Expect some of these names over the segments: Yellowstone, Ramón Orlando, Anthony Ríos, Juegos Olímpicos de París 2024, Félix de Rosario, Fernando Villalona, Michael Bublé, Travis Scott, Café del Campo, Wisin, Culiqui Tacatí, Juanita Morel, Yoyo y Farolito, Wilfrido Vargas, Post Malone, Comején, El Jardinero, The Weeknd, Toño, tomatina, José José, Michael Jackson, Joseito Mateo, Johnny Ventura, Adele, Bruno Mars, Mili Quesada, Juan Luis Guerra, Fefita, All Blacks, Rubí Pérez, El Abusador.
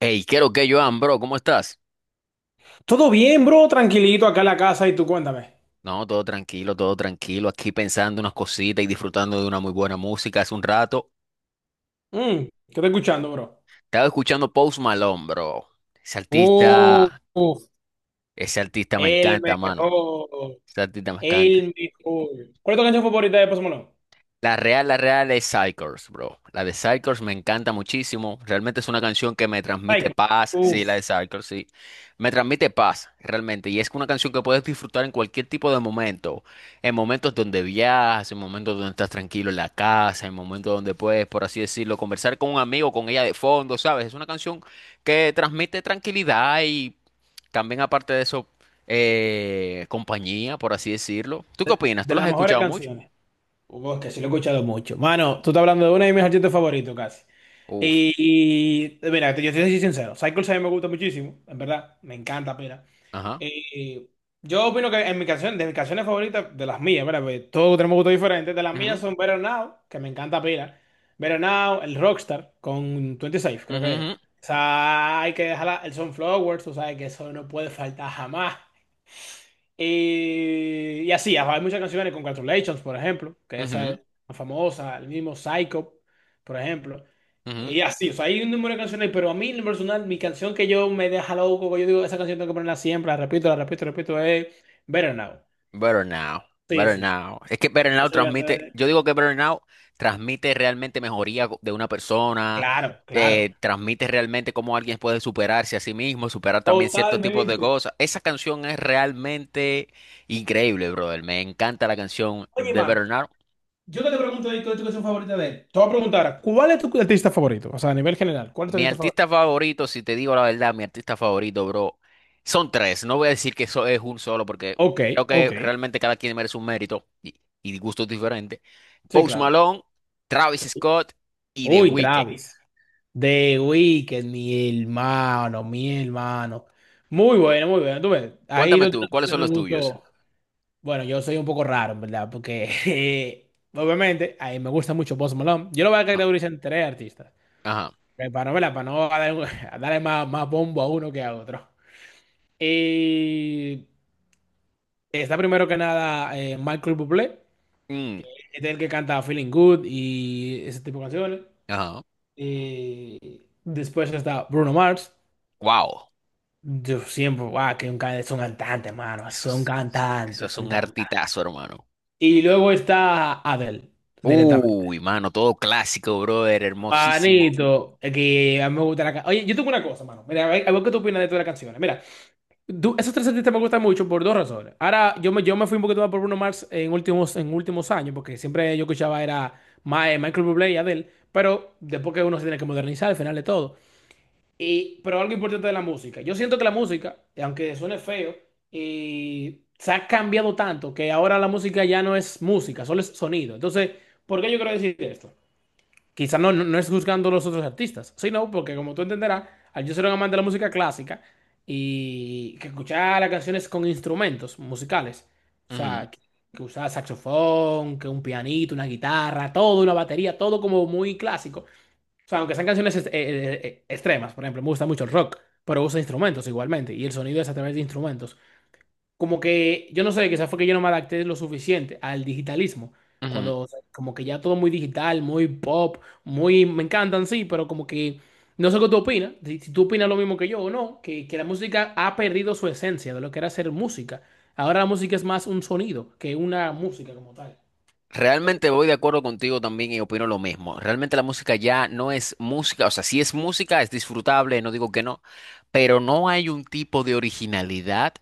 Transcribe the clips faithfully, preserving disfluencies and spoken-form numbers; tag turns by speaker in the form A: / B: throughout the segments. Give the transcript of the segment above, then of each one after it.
A: Hey, ¿qué lo que, Joan, bro? ¿Cómo estás?
B: Todo bien, bro, tranquilito acá en la casa y tú cuéntame.
A: No, todo tranquilo, todo tranquilo. Aquí pensando unas cositas y disfrutando de una muy buena música hace un rato.
B: Mm, ¿qué te escuchando, bro?
A: Estaba escuchando Post Malone, bro. Ese
B: Uh,
A: artista,
B: uf,
A: ese artista me
B: El
A: encanta, mano.
B: mejor,
A: Ese artista me encanta.
B: el mejor. ¿Cuál es tu canción favorita de Post Malone?
A: La real, la real es Psychers, bro. La de Psychers me encanta muchísimo. Realmente es una canción que me transmite
B: Psycho.
A: paz. Sí,
B: Uf,
A: la de Psychers, sí. Me transmite paz, realmente. Y es una canción que puedes disfrutar en cualquier tipo de momento. En momentos donde viajas, en momentos donde estás tranquilo en la casa, en momentos donde puedes, por así decirlo, conversar con un amigo, con ella de fondo, ¿sabes? Es una canción que transmite tranquilidad y también, aparte de eso, eh, compañía, por así decirlo. ¿Tú qué
B: de,
A: opinas? ¿Tú
B: de
A: la has
B: las mejores
A: escuchado mucho?
B: canciones. Uf, que sí lo he escuchado mucho. Mano, tú estás hablando de una de mis artistas favoritos casi.
A: Uf,
B: Y, y, mira, te- yo te soy sincero. Psycho sí me gusta muchísimo, en verdad, me encanta, pero.
A: ajá.
B: Y yo opino que en mi canción, de mis canciones favoritas, de las mías, ¿verdad? Porque todos tenemos gustos diferentes. De las mías
A: Ujú,
B: son Better Now, que me encanta pila. Better Now, el Rockstar, con veintiséis, creo que es.
A: ujú,
B: O sea, hay que dejar el Sunflower. Tú sabes que eso no puede faltar jamás. Y, y así, hay muchas canciones. Congratulations, por ejemplo, que
A: ujú,
B: esa
A: ujú,
B: es más famosa. El mismo Psycho, por ejemplo.
A: ujú.
B: Y así, o sea, hay un número de canciones, pero a mí, en lo personal, mi canción, que yo me deja loco, que yo digo, esa canción tengo que ponerla siempre, la repito, la repito, la repito, es Better Now.
A: Better now,
B: Sí,
A: better
B: sí, sí.
A: now. Es que better now
B: Esa canción
A: transmite,
B: es.
A: yo digo que better now transmite realmente mejoría co- de una persona,
B: Claro, claro.
A: eh, transmite realmente cómo alguien puede superarse a sí mismo, superar también ciertos tipos de
B: Totalmente.
A: cosas. Esa canción es realmente increíble, brother. Me encanta la canción
B: Oye,
A: de
B: mano,
A: Better Now.
B: yo que te pregunto ahí, ¿cuál es tu canción favorita de él? Te voy a preguntar, ahora, ¿cuál es tu artista favorito? O sea, a nivel general, ¿cuál es tu
A: Mi
B: artista favorito?
A: artista favorito, si te digo la verdad, mi artista favorito, bro, son tres. No voy a decir que eso es un solo, porque
B: Ok,
A: creo que
B: ok.
A: realmente cada quien merece un mérito y, y gustos diferentes.
B: Sí,
A: Post
B: claro.
A: Malone, Travis
B: Sí.
A: Scott y The
B: Uy,
A: Weeknd.
B: Travis. The Weeknd, mi hermano, mi hermano. Muy bueno, muy bueno. Tú ves, ahí
A: Cuéntame
B: tú
A: tú, ¿cuáles son
B: tienes un
A: los tuyos?
B: gusto. Bueno, yo soy un poco raro, ¿en verdad? Porque eh, obviamente a mí me gusta mucho Post Malone. Yo lo voy a
A: Ah,
B: categorizar en tres artistas.
A: Ajá.
B: Eh, Para no, ¿verdad? Para no dar- a darle más, más bombo a uno que a otro. Y está primero que nada eh, Michael Bublé,
A: Mm,
B: que es el que canta Feeling Good y ese tipo de canciones.
A: ajá.
B: Eh, después está Bruno Mars.
A: Wow.
B: Yo siempre, guau, que un cantante, son cantantes, mano,
A: Eso
B: son
A: es, eso eso
B: cantantes,
A: es
B: son
A: un
B: cantantes.
A: artitazo, hermano.
B: Y luego está Adele, directamente.
A: Uy, mano, todo clásico, brother, hermosísimo.
B: Manito, es que a mí me gusta la canción. Oye, yo tengo una cosa, mano. Mira, a ver, a ver qué tú opinas de todas las canciones. Mira, tú. Esos tres artistas me gustan mucho por dos razones. Ahora, yo me, yo me fui un poquito más por Bruno Mars en últimos, en últimos años, porque siempre yo escuchaba era Ma- eh, Michael Bublé y Adele, pero después que uno se tiene que modernizar al final de todo. Y, pero algo importante de la música. Yo siento que la música, aunque suene feo, y se ha cambiado tanto que ahora la música ya no es música, solo es sonido. Entonces, ¿por qué yo quiero decir esto? Quizá no, no, no es juzgando a los otros artistas, sino porque, como tú entenderás, al yo ser un amante de la música clásica y que escuchaba las canciones con instrumentos musicales, o
A: Ujú,
B: sea, que, que usaba saxofón, que un pianito, una guitarra, todo, una batería, todo como muy clásico. O sea, aunque sean canciones est- eh, eh, eh, extremas, por ejemplo, me gusta mucho el rock, pero usa instrumentos igualmente, y el sonido es a través de instrumentos. Como que, yo no sé, quizás fue que yo no me adapté lo suficiente al digitalismo,
A: ujú.
B: cuando, o sea, como que ya todo muy digital, muy pop, muy, me encantan, sí, pero como que, no sé qué tú opinas, si, si tú opinas lo mismo que yo o no, que, que la música ha perdido su esencia de lo que era ser música. Ahora la música es más un sonido que una música como tal. Creo que.
A: Realmente voy de acuerdo contigo también y opino lo mismo. Realmente la música ya no es música, o sea, si es música, es disfrutable, no digo que no, pero no hay un tipo de originalidad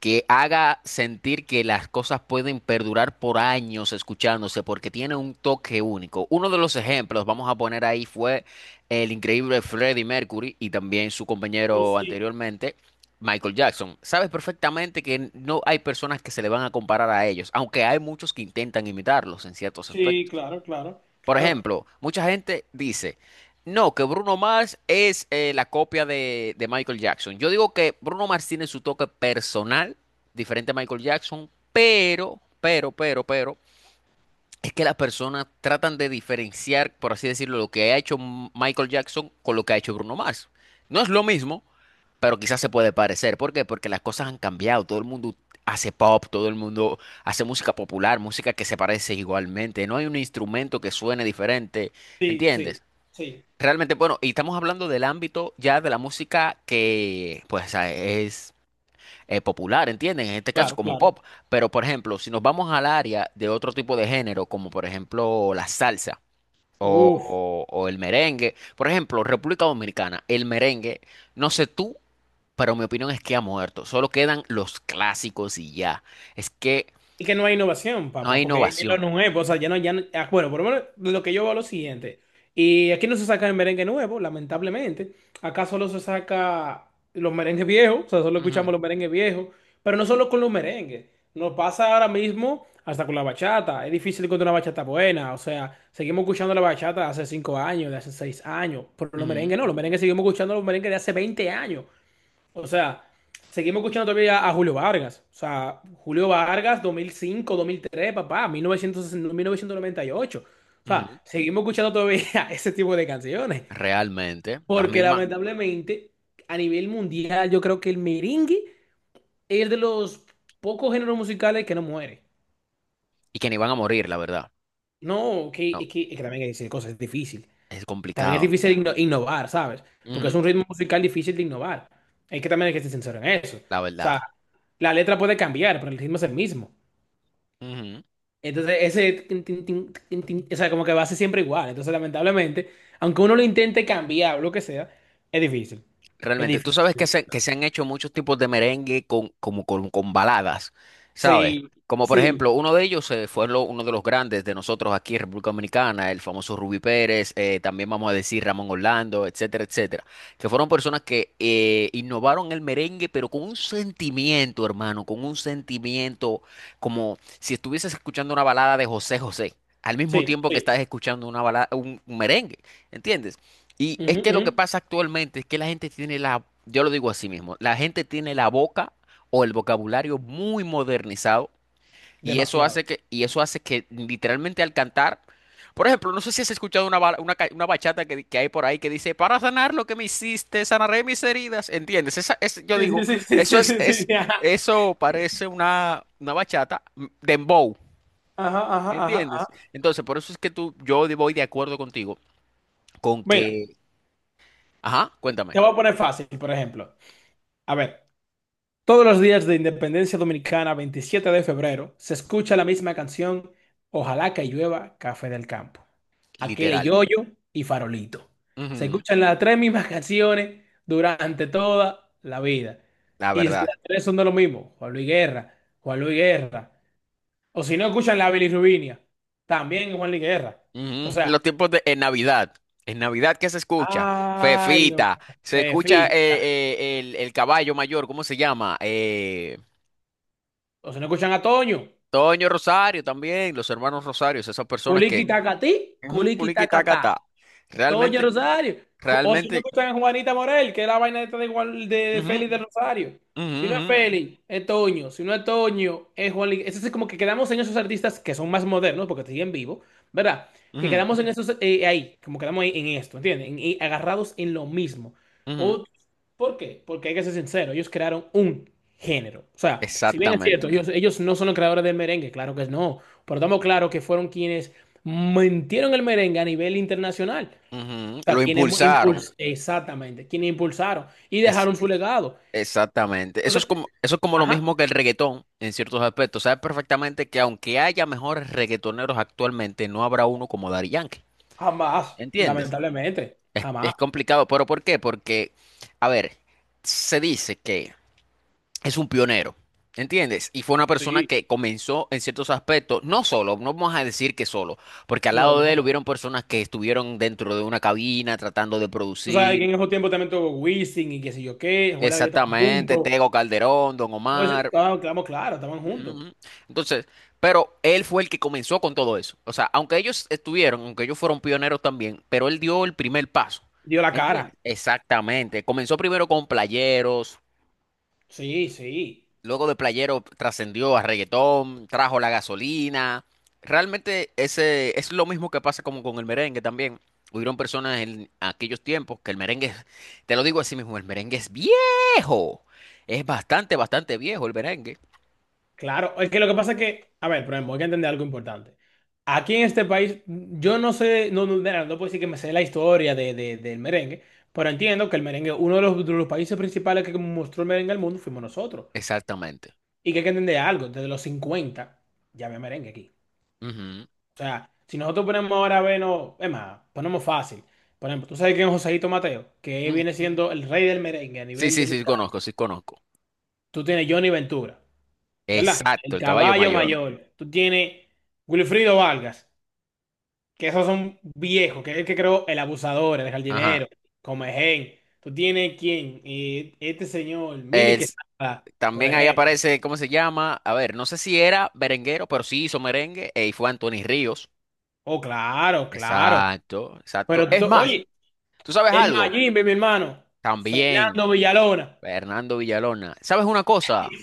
A: que haga sentir que las cosas pueden perdurar por años escuchándose porque tiene un toque único. Uno de los ejemplos, vamos a poner ahí, fue el increíble Freddie Mercury y también su
B: Uh,
A: compañero
B: Sí,
A: anteriormente, Michael Jackson. Sabes perfectamente que no hay personas que se le van a comparar a ellos, aunque hay muchos que intentan imitarlos en ciertos
B: sí,
A: aspectos.
B: claro, claro,
A: Por
B: claro.
A: ejemplo, mucha gente dice, no, que Bruno Mars es eh, la copia de, de Michael Jackson. Yo digo que Bruno Mars tiene su toque personal, diferente a Michael Jackson, pero, pero, pero, pero, es que las personas tratan de diferenciar, por así decirlo, lo que ha hecho M- Michael Jackson con lo que ha hecho Bruno Mars. No es lo mismo, pero quizás se puede parecer. ¿Por qué? Porque las cosas han cambiado. Todo el mundo hace pop, todo el mundo hace música popular, música que se parece igualmente. No hay un instrumento que suene diferente.
B: Sí, sí,
A: ¿Entiendes?
B: sí.
A: Realmente, bueno, y estamos hablando del ámbito ya de la música que, pues, a- es eh, popular, ¿entienden? En este caso,
B: Claro,
A: como
B: claro.
A: pop. Pero, por ejemplo, si nos vamos al área de otro tipo de género, como por ejemplo la salsa
B: Uf.
A: o, o o el merengue, por ejemplo, República Dominicana, el merengue, no sé tú, pero mi opinión es que ha muerto. Solo quedan los clásicos y ya. Es que
B: Y que no hay innovación,
A: no hay
B: papá, porque es lo
A: innovación.
B: nuevo, o sea, ya no, ya no- ah, bueno, por lo menos lo que yo veo es lo siguiente. Y aquí no se saca el merengue nuevo, lamentablemente. Acá solo se saca los merengues viejos, o sea, solo
A: Ujú,
B: escuchamos los merengues viejos, pero no solo con los merengues. Nos pasa ahora mismo hasta con la bachata. Es difícil encontrar una bachata buena, o sea, seguimos escuchando la bachata de hace cinco años, de hace seis años, pero los
A: ujú,
B: merengues no, los merengues seguimos escuchando los merengues de hace veinte años. O sea, seguimos escuchando todavía a Julio Vargas. O sea, Julio Vargas, dos dos mil cinco, dos mil tres, papá, mil mil novecientos mil novecientos noventa y ocho. O
A: ujú.
B: sea, seguimos escuchando todavía ese tipo de canciones.
A: Realmente, las
B: Porque
A: mismas.
B: lamentablemente, a nivel mundial, yo creo que el merengue es de los pocos géneros musicales que no muere.
A: Y que ni van a morir, la verdad.
B: No, que,
A: No,
B: es que, es que también hay que decir cosas, es difícil.
A: es
B: También es
A: complicado.
B: difícil inno- innovar, ¿sabes? Porque es
A: Ujú,
B: un ritmo musical difícil de innovar. Hay que también hay que ser sincero en eso.
A: la
B: O
A: verdad.
B: sea, la letra puede cambiar, pero el ritmo es el mismo.
A: Ujú.
B: Entonces, ese, tin, tin, tin, tin, tin, o sea, como que va a ser siempre igual. Entonces, lamentablemente, aunque uno lo intente cambiar o lo que sea, es difícil. Es
A: Realmente, tú sabes que
B: difícil.
A: se, que se han hecho muchos tipos de merengue con, como con, con baladas, ¿sabes?
B: Sí,
A: Como por
B: sí,
A: ejemplo, uno de ellos eh, fue lo- uno de los grandes de nosotros aquí en República Dominicana, el famoso Rubí Pérez, eh, también vamos a decir Ramón Orlando, etcétera, etcétera, que fueron personas que eh, innovaron el merengue, pero con un sentimiento, hermano, con un sentimiento como si estuvieses escuchando una balada de José José, al mismo
B: sí,
A: tiempo que
B: sí.
A: estás escuchando una balada, un un merengue, ¿entiendes? Y es
B: Ujú,
A: que lo
B: ujú.
A: que pasa actualmente es que la gente tiene la, yo lo digo así mismo, la gente tiene la boca o el vocabulario muy modernizado y eso hace
B: Demasiado.
A: que, y eso hace que literalmente al cantar, por ejemplo, no sé si has escuchado una, ba- una, ca- una bachata que, que hay por ahí que dice, para sanar lo que me hiciste, sanaré mis heridas, ¿entiendes? Esa, es, yo
B: Sí, sí,
A: digo,
B: sí, sí,
A: eso
B: sí,
A: es,
B: sí,
A: es,
B: sí. Ajá,
A: eso parece una, una bachata mm, dembow,
B: ajá, ajá, ajá.
A: ¿entiendes?
B: Ajá.
A: Entonces, por eso es que tú, yo de- voy de acuerdo contigo con
B: Mira,
A: que, ajá, cuéntame.
B: te voy a poner fácil, por ejemplo. A ver. Todos los días de Independencia Dominicana, veintisiete de febrero, se escucha la misma canción, Ojalá que llueva Café del Campo. Aquel
A: literal,
B: Yoyo y Farolito. Se
A: Ujú,
B: escuchan las tres mismas canciones durante toda la vida.
A: La
B: Y las
A: verdad.
B: tres son de lo mismo, Juan Luis Guerra, Juan Luis Guerra. O si no escuchan la bilirrubinia, también Juan Luis Guerra. O
A: Ujú,
B: sea,
A: Los tiempos de en Navidad. En Navidad, ¿qué se escucha?
B: ay, Dios mío,
A: Fefita. Se escucha eh,
B: Fefita.
A: eh, el, el caballo mayor, ¿cómo se llama? Eh,
B: O si no escuchan a Toño,
A: Toño Rosario también, los hermanos Rosarios, esas personas que...
B: Culiqui Tacatí,
A: ujú,
B: Culiqui Tacatá.
A: culiquitacata.
B: Toya
A: Realmente,
B: Rosario. Jo- O si no
A: realmente...
B: escuchan a Juanita Morel, que es la vaina esta de, Juan- de, de
A: Ujú,
B: Félix de Rosario.
A: ujú,
B: Si no es
A: ujú,
B: Félix, es Toño. Si no es Toño, es Juan. Li- Es como que quedamos en esos artistas que son más modernos, porque siguen vivos, ¿verdad? Que
A: ujú,
B: quedamos en esos eh, ahí, como quedamos ahí en esto, ¿entiendes? En- en- agarrados en lo mismo.
A: ujú.
B: O, ¿por qué? Porque hay que ser sincero, ellos crearon un género. O sea, si bien es
A: Exactamente.
B: cierto, ellos, ellos no son los creadores del merengue, claro que no. Pero estamos claros que fueron quienes mintieron el merengue a nivel internacional.
A: ujú,
B: Sea,
A: Lo
B: quienes
A: impulsaron.
B: impulsaron, exactamente, quienes impulsaron y dejaron su legado.
A: Exactamente. Eso es
B: Entonces,
A: como, eso es como lo
B: ajá,
A: mismo que el reggaetón en ciertos aspectos. Sabes perfectamente que aunque haya mejores reggaetoneros actualmente, no habrá uno como Daddy Yankee.
B: jamás,
A: ¿Entiendes?
B: lamentablemente,
A: Es,
B: jamás,
A: es complicado. ¿Pero por qué? Porque, a ver, se dice que es un pionero. ¿Entiendes? Y fue una persona
B: sí,
A: que comenzó en ciertos aspectos, no solo, no vamos a decir que solo, porque al
B: no,
A: lado de él
B: no.
A: hubieron personas que estuvieron dentro de una cabina tratando de
B: Tú sabes que en
A: producir.
B: esos tiempos también tuvo Wisin y qué sé yo qué, Juan que estaban
A: Exactamente,
B: juntos.
A: Tego Calderón, Don
B: Entonces,
A: Omar.
B: estábamos, claro, claro, estaban
A: Ujú,
B: juntos,
A: ujú. Entonces, pero él fue el que comenzó con todo eso. O sea, aunque ellos estuvieron, aunque ellos fueron pioneros también, pero él dio el primer paso.
B: dio la
A: ¿Entiendes?
B: cara,
A: Exactamente. Comenzó primero con playeros,
B: sí, sí.
A: luego de playeros trascendió a reggaetón, trajo la gasolina. Realmente ese es lo mismo que pasa como con el merengue también. Hubieron personas en aquellos tiempos que el merengue, es- te lo digo así mismo, el merengue es viejo. Es bastante, bastante viejo el merengue.
B: Claro, es que lo que pasa es que, a ver, por ejemplo, hay que entender algo importante. Aquí en este país, yo no sé, no, no, mira, no puedo decir que me sé la historia de, de- del merengue, pero entiendo que el merengue, uno de los, de los países principales que mostró el merengue al mundo fuimos nosotros.
A: Exactamente.
B: Y que hay que entender algo, desde los cincuenta, ya había merengue aquí.
A: Ujú.
B: O sea, si nosotros ponemos ahora, bueno, es más, ponemos fácil. Por ejemplo, tú sabes quién es Joseito Mateo, que viene siendo el rey del merengue a
A: Sí,
B: nivel
A: sí, sí,
B: dominicano.
A: conozco, sí, conozco.
B: Tú tienes Johnny Ventura. ¿Verdad?
A: Exacto,
B: El
A: el caballo
B: caballo
A: mayor.
B: mayor. Tú tienes Wilfrido Vargas, que esos son viejos, que es el que creó El Abusador, El
A: Ajá.
B: Jardinero, Comején. Tú tienes quién. Eh, este señor, Mili
A: Es-
B: Quesada, por
A: también ahí
B: ejemplo.
A: aparece, ¿cómo se llama? A ver, no sé si era merenguero, pero sí hizo merengue eh, y fue Anthony Ríos.
B: Oh, claro, claro.
A: Exacto, exacto.
B: Pero tú,
A: Es
B: to-
A: más,
B: oye,
A: ¿tú sabes
B: el
A: algo?
B: Mayimbe, mi hermano,
A: También,
B: Fernando Villalona.
A: Fernando Villalona. ¿Sabes una cosa,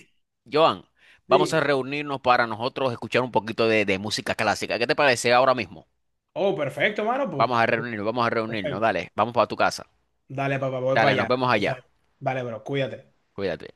A: Joan? Vamos a
B: Dime.
A: reunirnos para nosotros escuchar un poquito de, de música clásica. ¿Qué te parece ahora mismo?
B: Oh, perfecto, mano, pues.
A: Vamos a reunirnos, vamos a reunirnos,
B: Perfecto.
A: dale, vamos para tu casa.
B: Dale, papá, voy para
A: Dale, nos
B: allá.
A: vemos allá.
B: Vale, bro, cuídate.
A: Cuídate.